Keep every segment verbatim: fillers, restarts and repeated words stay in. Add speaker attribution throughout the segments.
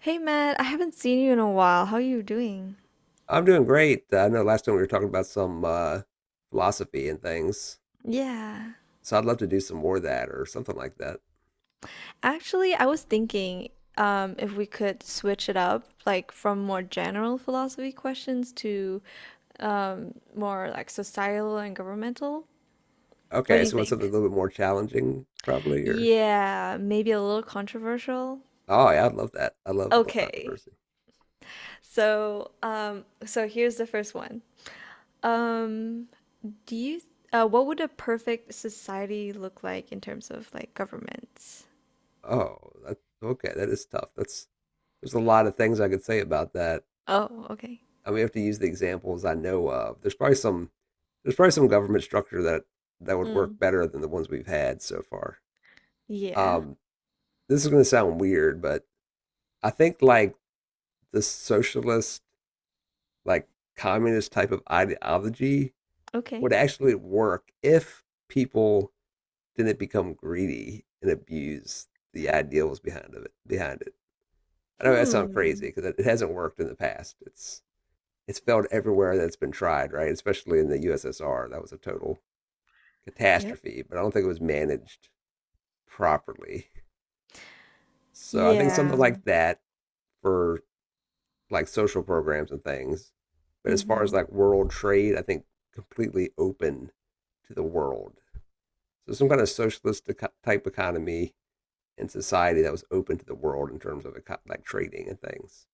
Speaker 1: Hey Matt, I haven't seen you in a while. How are you doing?
Speaker 2: I'm doing great. Uh, I know last time we were talking about some uh, philosophy and things,
Speaker 1: Yeah.
Speaker 2: so I'd love to do some more of that or something like that.
Speaker 1: Actually, I was thinking um, if we could switch it up, like from more general philosophy questions to um, more like societal and governmental. What
Speaker 2: Okay,
Speaker 1: do you
Speaker 2: so you want something a
Speaker 1: think?
Speaker 2: little bit more challenging, probably, or
Speaker 1: Yeah, maybe a little controversial.
Speaker 2: oh yeah, I'd love that. I love a little
Speaker 1: Okay.
Speaker 2: controversy.
Speaker 1: So, um, so here's the first one. Um, do you, uh, what would a perfect society look like in terms of like governments?
Speaker 2: Oh, that, okay, that is tough. That's There's a lot of things I could say about that.
Speaker 1: Oh, okay.
Speaker 2: I mean, have to use the examples I know of. There's probably some there's probably some government structure that that would work better than the ones we've had so far.
Speaker 1: Yeah.
Speaker 2: Um, this is going to sound weird, but I think like the socialist like communist type of ideology
Speaker 1: Okay.
Speaker 2: would actually work if people didn't become greedy and abuse the ideals behind of it behind it. I know that sounds crazy
Speaker 1: Hmm.
Speaker 2: because it, hasn't worked in the past. It's it's failed everywhere that's been tried, right? Especially in the U S S R, that was a total
Speaker 1: Yep.
Speaker 2: catastrophe. But I don't think it was managed properly. So I think something
Speaker 1: Yeah. Yeah.
Speaker 2: like that for like social programs and things. But as far as
Speaker 1: Hmm.
Speaker 2: like world trade, I think completely open to the world. So some kind of socialist type economy and society that was open to the world in terms of like trading and things,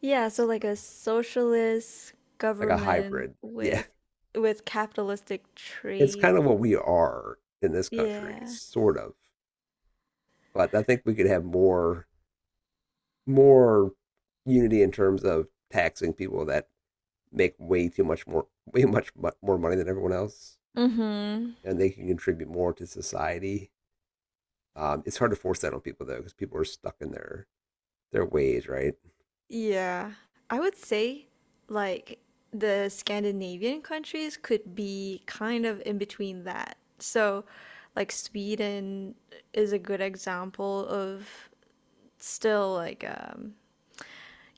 Speaker 1: Yeah, so like a socialist
Speaker 2: like a
Speaker 1: government
Speaker 2: hybrid. Yeah,
Speaker 1: with with capitalistic
Speaker 2: it's
Speaker 1: trade.
Speaker 2: kind of what we are in this country,
Speaker 1: Yeah.
Speaker 2: sort of. But I think we could have more more unity in terms of taxing people that make way too much more way much more money than everyone else
Speaker 1: Mm-hmm.
Speaker 2: and they can contribute more to society. Um, it's hard to force that on people though, because people are stuck in their their ways, right?
Speaker 1: Yeah. I would say like the Scandinavian countries could be kind of in between that. So like Sweden is a good example of still like um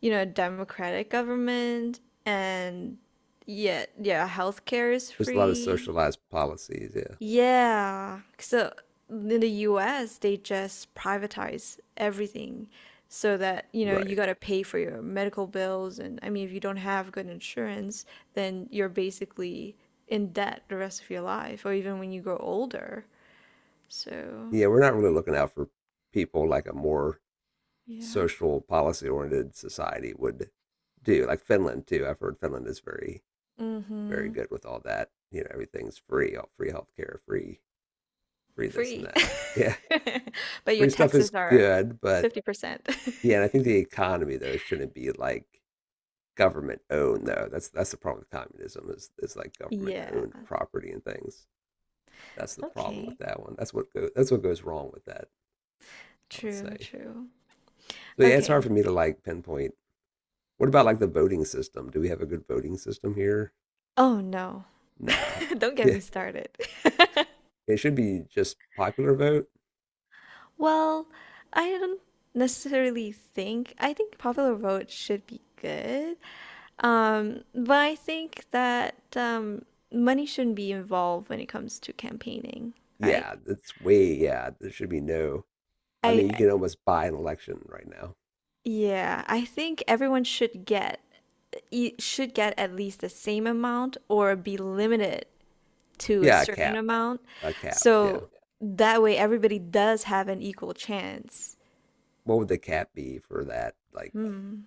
Speaker 1: you know, democratic government and yeah, yeah, healthcare is
Speaker 2: There's a lot of
Speaker 1: free.
Speaker 2: socialized policies. Yeah,
Speaker 1: Yeah. So in the U S, they just privatize everything so that, you know, you
Speaker 2: right.
Speaker 1: got to pay for your medical bills, and I mean, if you don't have good insurance, then you're basically in debt the rest of your life or even when you grow older. So,
Speaker 2: Yeah, we're not really looking out for people like a more
Speaker 1: yeah.
Speaker 2: social policy oriented society would do. Like Finland too. I've heard Finland is very very
Speaker 1: Mm-hmm.
Speaker 2: good with all that. You know, everything's free, all free healthcare, free free this and
Speaker 1: Free.
Speaker 2: that. Yeah,
Speaker 1: But your
Speaker 2: free stuff is
Speaker 1: taxes are
Speaker 2: good, but
Speaker 1: fifty percent.
Speaker 2: yeah, and I think the economy though shouldn't be like government owned though. That's that's the problem with communism is is like government
Speaker 1: Yeah.
Speaker 2: owned property and things. That's the problem with
Speaker 1: Okay.
Speaker 2: that one. That's what go, that's what goes wrong with that. I would
Speaker 1: True,
Speaker 2: say.
Speaker 1: true.
Speaker 2: So yeah, it's
Speaker 1: Okay.
Speaker 2: hard for me to like pinpoint. What about like the voting system? Do we have a good voting system here?
Speaker 1: Oh no.
Speaker 2: No.
Speaker 1: Don't get
Speaker 2: Yeah,
Speaker 1: me started.
Speaker 2: it should be just popular vote.
Speaker 1: Well, I don't necessarily think I think Popular Vote should be good. Um, but I think that um money shouldn't be involved when it comes to campaigning, right?
Speaker 2: Yeah, that's way yeah. There should be no. I
Speaker 1: I
Speaker 2: mean, you
Speaker 1: I-
Speaker 2: can almost buy an election right now.
Speaker 1: yeah, I think everyone should get you should get at least the same amount or be limited to a
Speaker 2: Yeah, a
Speaker 1: certain
Speaker 2: cap,
Speaker 1: amount.
Speaker 2: a cap. Yeah.
Speaker 1: So that way everybody does have an equal chance.
Speaker 2: What would the cap be for that? Like,
Speaker 1: Hmm,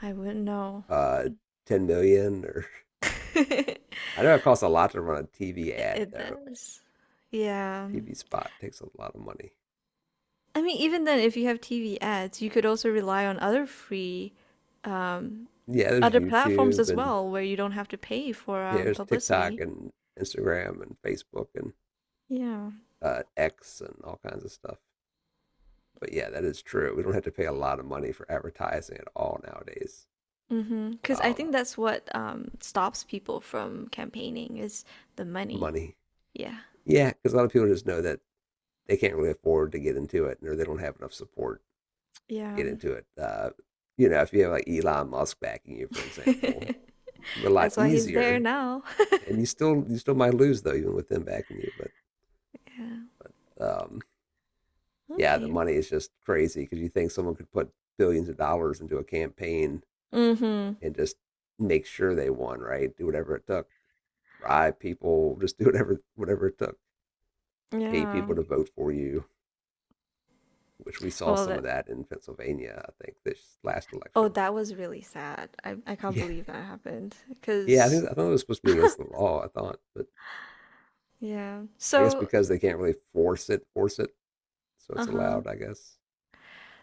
Speaker 1: I wouldn't know.
Speaker 2: uh, ten million or I know it costs a lot to run a T V
Speaker 1: It,
Speaker 2: ad
Speaker 1: it
Speaker 2: though.
Speaker 1: does. Yeah.
Speaker 2: T V spot takes a lot of money.
Speaker 1: I mean, even then, if you have T V ads, you could also rely on other free, um,
Speaker 2: Yeah, there's
Speaker 1: other platforms
Speaker 2: YouTube
Speaker 1: as
Speaker 2: and
Speaker 1: well, where you don't have to pay for
Speaker 2: yeah,
Speaker 1: um,
Speaker 2: there's TikTok
Speaker 1: publicity.
Speaker 2: and Instagram and Facebook and
Speaker 1: Yeah.
Speaker 2: uh, X and all kinds of stuff. But yeah, that is true. We don't have to pay a lot of money for advertising at all nowadays.
Speaker 1: Mm-hmm. Cause I
Speaker 2: Um,
Speaker 1: think that's what, um, stops people from campaigning is the money.
Speaker 2: Money,
Speaker 1: Yeah.
Speaker 2: yeah, because a lot of people just know that they can't really afford to get into it, or they don't have enough support to
Speaker 1: Yeah.
Speaker 2: get into it. Uh, you know, if you have like Elon Musk backing you, for example, it's a lot
Speaker 1: That's why he's there
Speaker 2: easier
Speaker 1: now.
Speaker 2: and you still you still might lose though, even with them backing you. But
Speaker 1: Yeah,
Speaker 2: um, yeah, the
Speaker 1: okay.
Speaker 2: money is just crazy because you think someone could put billions of dollars into a campaign
Speaker 1: Mhm.
Speaker 2: and just make sure they won, right? Do whatever it took, bribe people, just do whatever whatever it took, pay people
Speaker 1: Yeah.
Speaker 2: to vote for you. Which we saw
Speaker 1: Well,
Speaker 2: some of
Speaker 1: that
Speaker 2: that in Pennsylvania, I think, this last
Speaker 1: Oh,
Speaker 2: election.
Speaker 1: that was really sad. I I can't
Speaker 2: Yeah,
Speaker 1: believe that happened.
Speaker 2: yeah, I think
Speaker 1: Cause
Speaker 2: I thought it was supposed to be against the law. I thought, but
Speaker 1: yeah.
Speaker 2: I guess
Speaker 1: So
Speaker 2: because they can't really force it, force it, so it's
Speaker 1: uh-huh.
Speaker 2: allowed. I guess.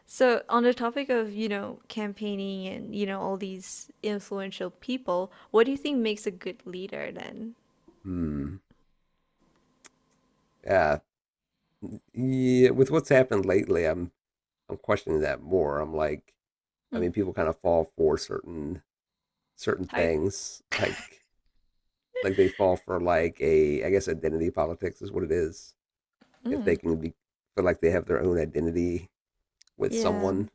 Speaker 1: So on the topic of, you know, campaigning and, you know, all these influential people, what do you think makes a good leader then?
Speaker 2: Hmm. Yeah, Yeah, with what's happened lately, I'm I'm questioning that more. I'm like, I
Speaker 1: Mm.
Speaker 2: mean, people kind of fall for certain certain
Speaker 1: Type.
Speaker 2: things, like like they fall for like a, I guess identity politics is what it is. If they
Speaker 1: Mm.
Speaker 2: can be feel like they have their own identity with
Speaker 1: Yeah.
Speaker 2: someone,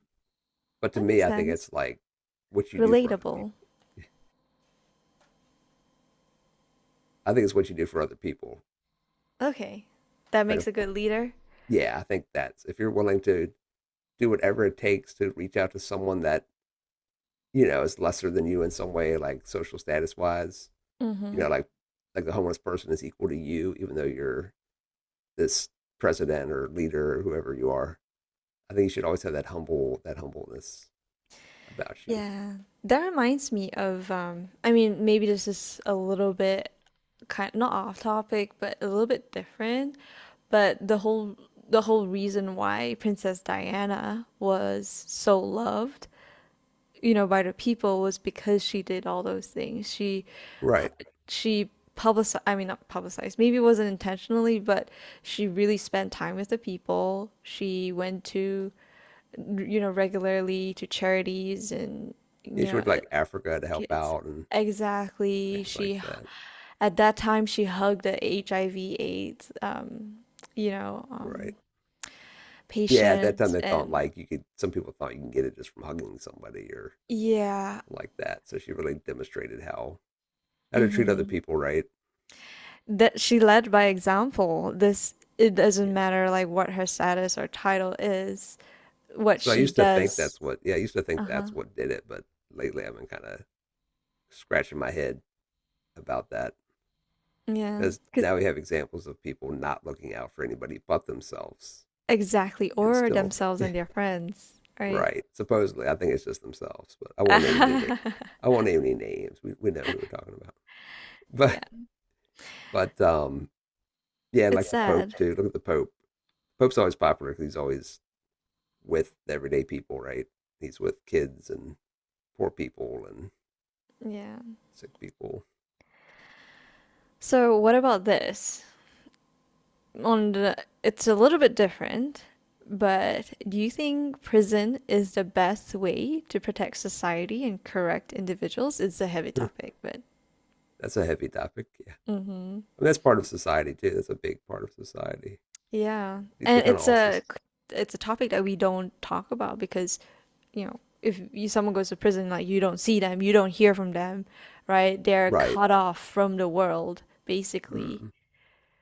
Speaker 2: but to
Speaker 1: That
Speaker 2: me,
Speaker 1: makes
Speaker 2: I think
Speaker 1: sense.
Speaker 2: it's like what you do for other
Speaker 1: Relatable.
Speaker 2: people. I think it's what you do for other people.
Speaker 1: Okay. That
Speaker 2: Like, uh,
Speaker 1: makes a good leader.
Speaker 2: yeah, I think that's if you're willing to do whatever it takes to reach out to someone that you know is lesser than you in some way, like social status wise you know,
Speaker 1: Mm-hmm.
Speaker 2: like like the homeless person is equal to you, even though you're this president or leader or whoever you are. I think you should always have that humble that humbleness about you.
Speaker 1: Yeah. That reminds me of um I mean maybe this is a little bit kind not off topic, but a little bit different, but the whole the whole reason why Princess Diana was so loved, you know, by the people was because she did all those things. She
Speaker 2: Right.
Speaker 1: she publicized, I mean, not publicized, maybe it wasn't intentionally, but she really spent time with the people. She went to, you know, regularly to charities and, you
Speaker 2: Yeah, she
Speaker 1: know,
Speaker 2: went to
Speaker 1: uh,
Speaker 2: like Africa to help
Speaker 1: kids.
Speaker 2: out and
Speaker 1: Exactly.
Speaker 2: things like
Speaker 1: She,
Speaker 2: that.
Speaker 1: at that time, she hugged the H I V/AIDS, um, you know,
Speaker 2: Right.
Speaker 1: um,
Speaker 2: Yeah, at that time
Speaker 1: patients
Speaker 2: they thought
Speaker 1: and
Speaker 2: like you could some people thought you can get it just from hugging somebody or
Speaker 1: yeah.
Speaker 2: something like that. So she really demonstrated how how to treat other
Speaker 1: Mhm.
Speaker 2: people, right?
Speaker 1: That she led by example. This it doesn't
Speaker 2: Yeah.
Speaker 1: matter like what her status or title is, what
Speaker 2: So I
Speaker 1: she
Speaker 2: used to think
Speaker 1: does.
Speaker 2: that's what yeah, I used to think
Speaker 1: Uh-huh.
Speaker 2: that's what did it, but lately I've been kinda scratching my head about that.
Speaker 1: Yeah.
Speaker 2: Because
Speaker 1: 'Cause
Speaker 2: now we have examples of people not looking out for anybody but themselves
Speaker 1: exactly,
Speaker 2: and
Speaker 1: or
Speaker 2: still
Speaker 1: themselves and their friends, right?
Speaker 2: right supposedly I think it's just themselves but I won't name any names I won't name any names we, we know who we're talking about but
Speaker 1: Yeah.
Speaker 2: but um yeah and
Speaker 1: It's
Speaker 2: like the pope
Speaker 1: sad.
Speaker 2: too look at the pope pope's always popular because he's always with everyday people right he's with kids and poor people and
Speaker 1: Yeah.
Speaker 2: sick people
Speaker 1: So what about this? On the, it's a little bit different, but do you think prison is the best way to protect society and correct individuals? It's a heavy topic, but
Speaker 2: that's a heavy topic yeah
Speaker 1: hmm.
Speaker 2: I mean, that's part of society too that's a big part of society
Speaker 1: Yeah.
Speaker 2: these are
Speaker 1: And
Speaker 2: kind of
Speaker 1: it's
Speaker 2: all
Speaker 1: a it's a topic that we don't talk about because, you know, if you, someone goes to prison, like you don't see them, you don't hear from them, right? They're
Speaker 2: right.
Speaker 1: cut off from the world, basically.
Speaker 2: Hmm.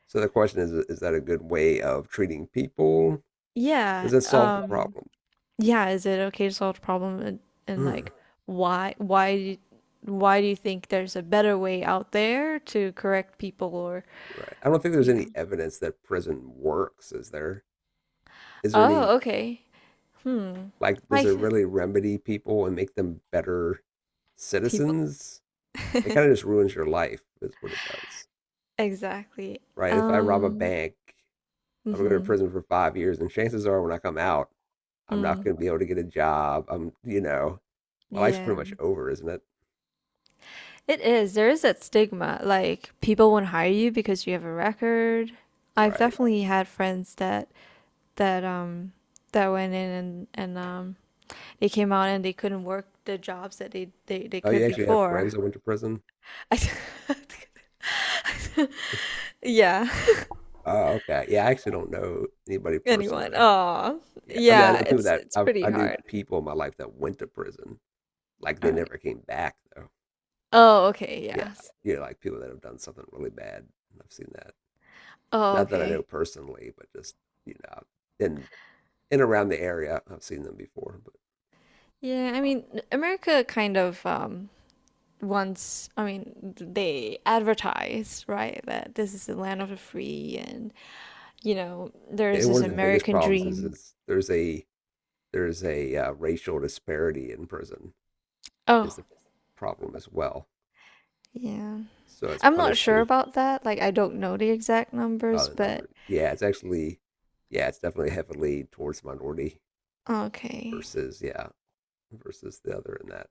Speaker 2: So the question is: Is that a good way of treating people?
Speaker 1: Yeah.
Speaker 2: Does it solve the
Speaker 1: Um,
Speaker 2: problem?
Speaker 1: yeah, is it okay to solve the problem, and, and
Speaker 2: Mm.
Speaker 1: like why why do- why do you think there's a better way out there to correct people or
Speaker 2: Right. I don't think there's
Speaker 1: yeah.
Speaker 2: any evidence that prison works. Is there? Is there any
Speaker 1: Oh, okay. Hmm.
Speaker 2: like? Does
Speaker 1: I
Speaker 2: it
Speaker 1: th
Speaker 2: really remedy people and make them better
Speaker 1: people.
Speaker 2: citizens? It kind of just ruins your life, is what it does.
Speaker 1: Exactly.
Speaker 2: Right. If I rob a
Speaker 1: Um.
Speaker 2: bank, I'm gonna go to
Speaker 1: Mhm.
Speaker 2: prison for five years, and chances are, when I come out, I'm not
Speaker 1: Mm.
Speaker 2: gonna be able to get a job. I'm, you know, my life's
Speaker 1: Yeah.
Speaker 2: pretty much over, isn't it?
Speaker 1: It is. There is that stigma. Like people won't hire you because you have a record. I've
Speaker 2: Right.
Speaker 1: definitely had friends that that um that went in and and um they came out and they couldn't work the jobs that they they, they
Speaker 2: Oh, you
Speaker 1: could
Speaker 2: actually have
Speaker 1: before.
Speaker 2: friends that went to prison?
Speaker 1: I, yeah.
Speaker 2: Oh, okay. Yeah, I actually don't know anybody
Speaker 1: Anyone.
Speaker 2: personally.
Speaker 1: Oh.
Speaker 2: Yeah, I mean, I
Speaker 1: Yeah,
Speaker 2: know. Yeah. People
Speaker 1: it's
Speaker 2: that
Speaker 1: it's
Speaker 2: I,
Speaker 1: pretty
Speaker 2: I knew
Speaker 1: hard.
Speaker 2: people in my life that went to prison, like
Speaker 1: All
Speaker 2: they
Speaker 1: right.
Speaker 2: never came back though.
Speaker 1: Oh, okay.
Speaker 2: Yeah,
Speaker 1: Yes.
Speaker 2: you know, like people that have done something really bad. I've seen that.
Speaker 1: Oh,
Speaker 2: Not that I know
Speaker 1: okay.
Speaker 2: personally, but just you know, in in around the area, I've seen them before. But
Speaker 1: Yeah, I
Speaker 2: um,
Speaker 1: mean, America kind of um once I mean they advertise, right, that this is the land of the free, and you know there is
Speaker 2: and one
Speaker 1: this
Speaker 2: of the biggest
Speaker 1: American
Speaker 2: problems is
Speaker 1: dream.
Speaker 2: is there's a there's a uh, racial disparity in prison
Speaker 1: Oh
Speaker 2: is the problem as well.
Speaker 1: yeah.
Speaker 2: So it's Oh,
Speaker 1: I'm not sure
Speaker 2: punishing
Speaker 1: about that, like I don't know the exact
Speaker 2: Oh,
Speaker 1: numbers
Speaker 2: the
Speaker 1: but
Speaker 2: number. Yeah, it's actually, yeah, it's definitely heavily towards minority
Speaker 1: okay.
Speaker 2: versus, yeah, versus the other in that.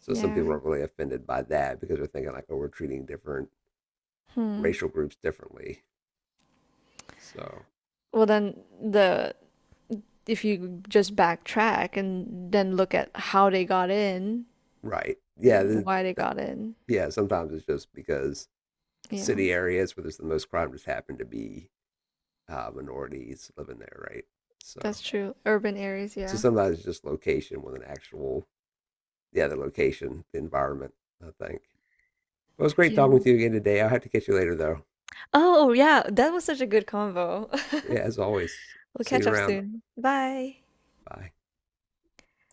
Speaker 2: So some
Speaker 1: Yeah.
Speaker 2: people are really offended by that because they're thinking like, oh, we're treating different
Speaker 1: Hmm.
Speaker 2: racial groups differently. So,
Speaker 1: Well then, the if you just backtrack and then look at how they got in
Speaker 2: right. Yeah.
Speaker 1: and
Speaker 2: The,
Speaker 1: why they
Speaker 2: that,
Speaker 1: got in,
Speaker 2: yeah. Sometimes it's just because
Speaker 1: yeah,
Speaker 2: city areas where there's the most crime just happen to be uh, minorities living there, right? So,
Speaker 1: that's true, urban areas,
Speaker 2: so
Speaker 1: yeah.
Speaker 2: sometimes it's just location with an actual, yeah, the location, the environment, I think. Well, it was
Speaker 1: Thank
Speaker 2: great talking with
Speaker 1: you.
Speaker 2: you again today. I'll have to catch you later, though.
Speaker 1: Oh yeah, that was such a good convo.
Speaker 2: Yeah, as always,
Speaker 1: We'll
Speaker 2: see
Speaker 1: catch
Speaker 2: you
Speaker 1: up
Speaker 2: around.
Speaker 1: soon. Bye.
Speaker 2: Bye.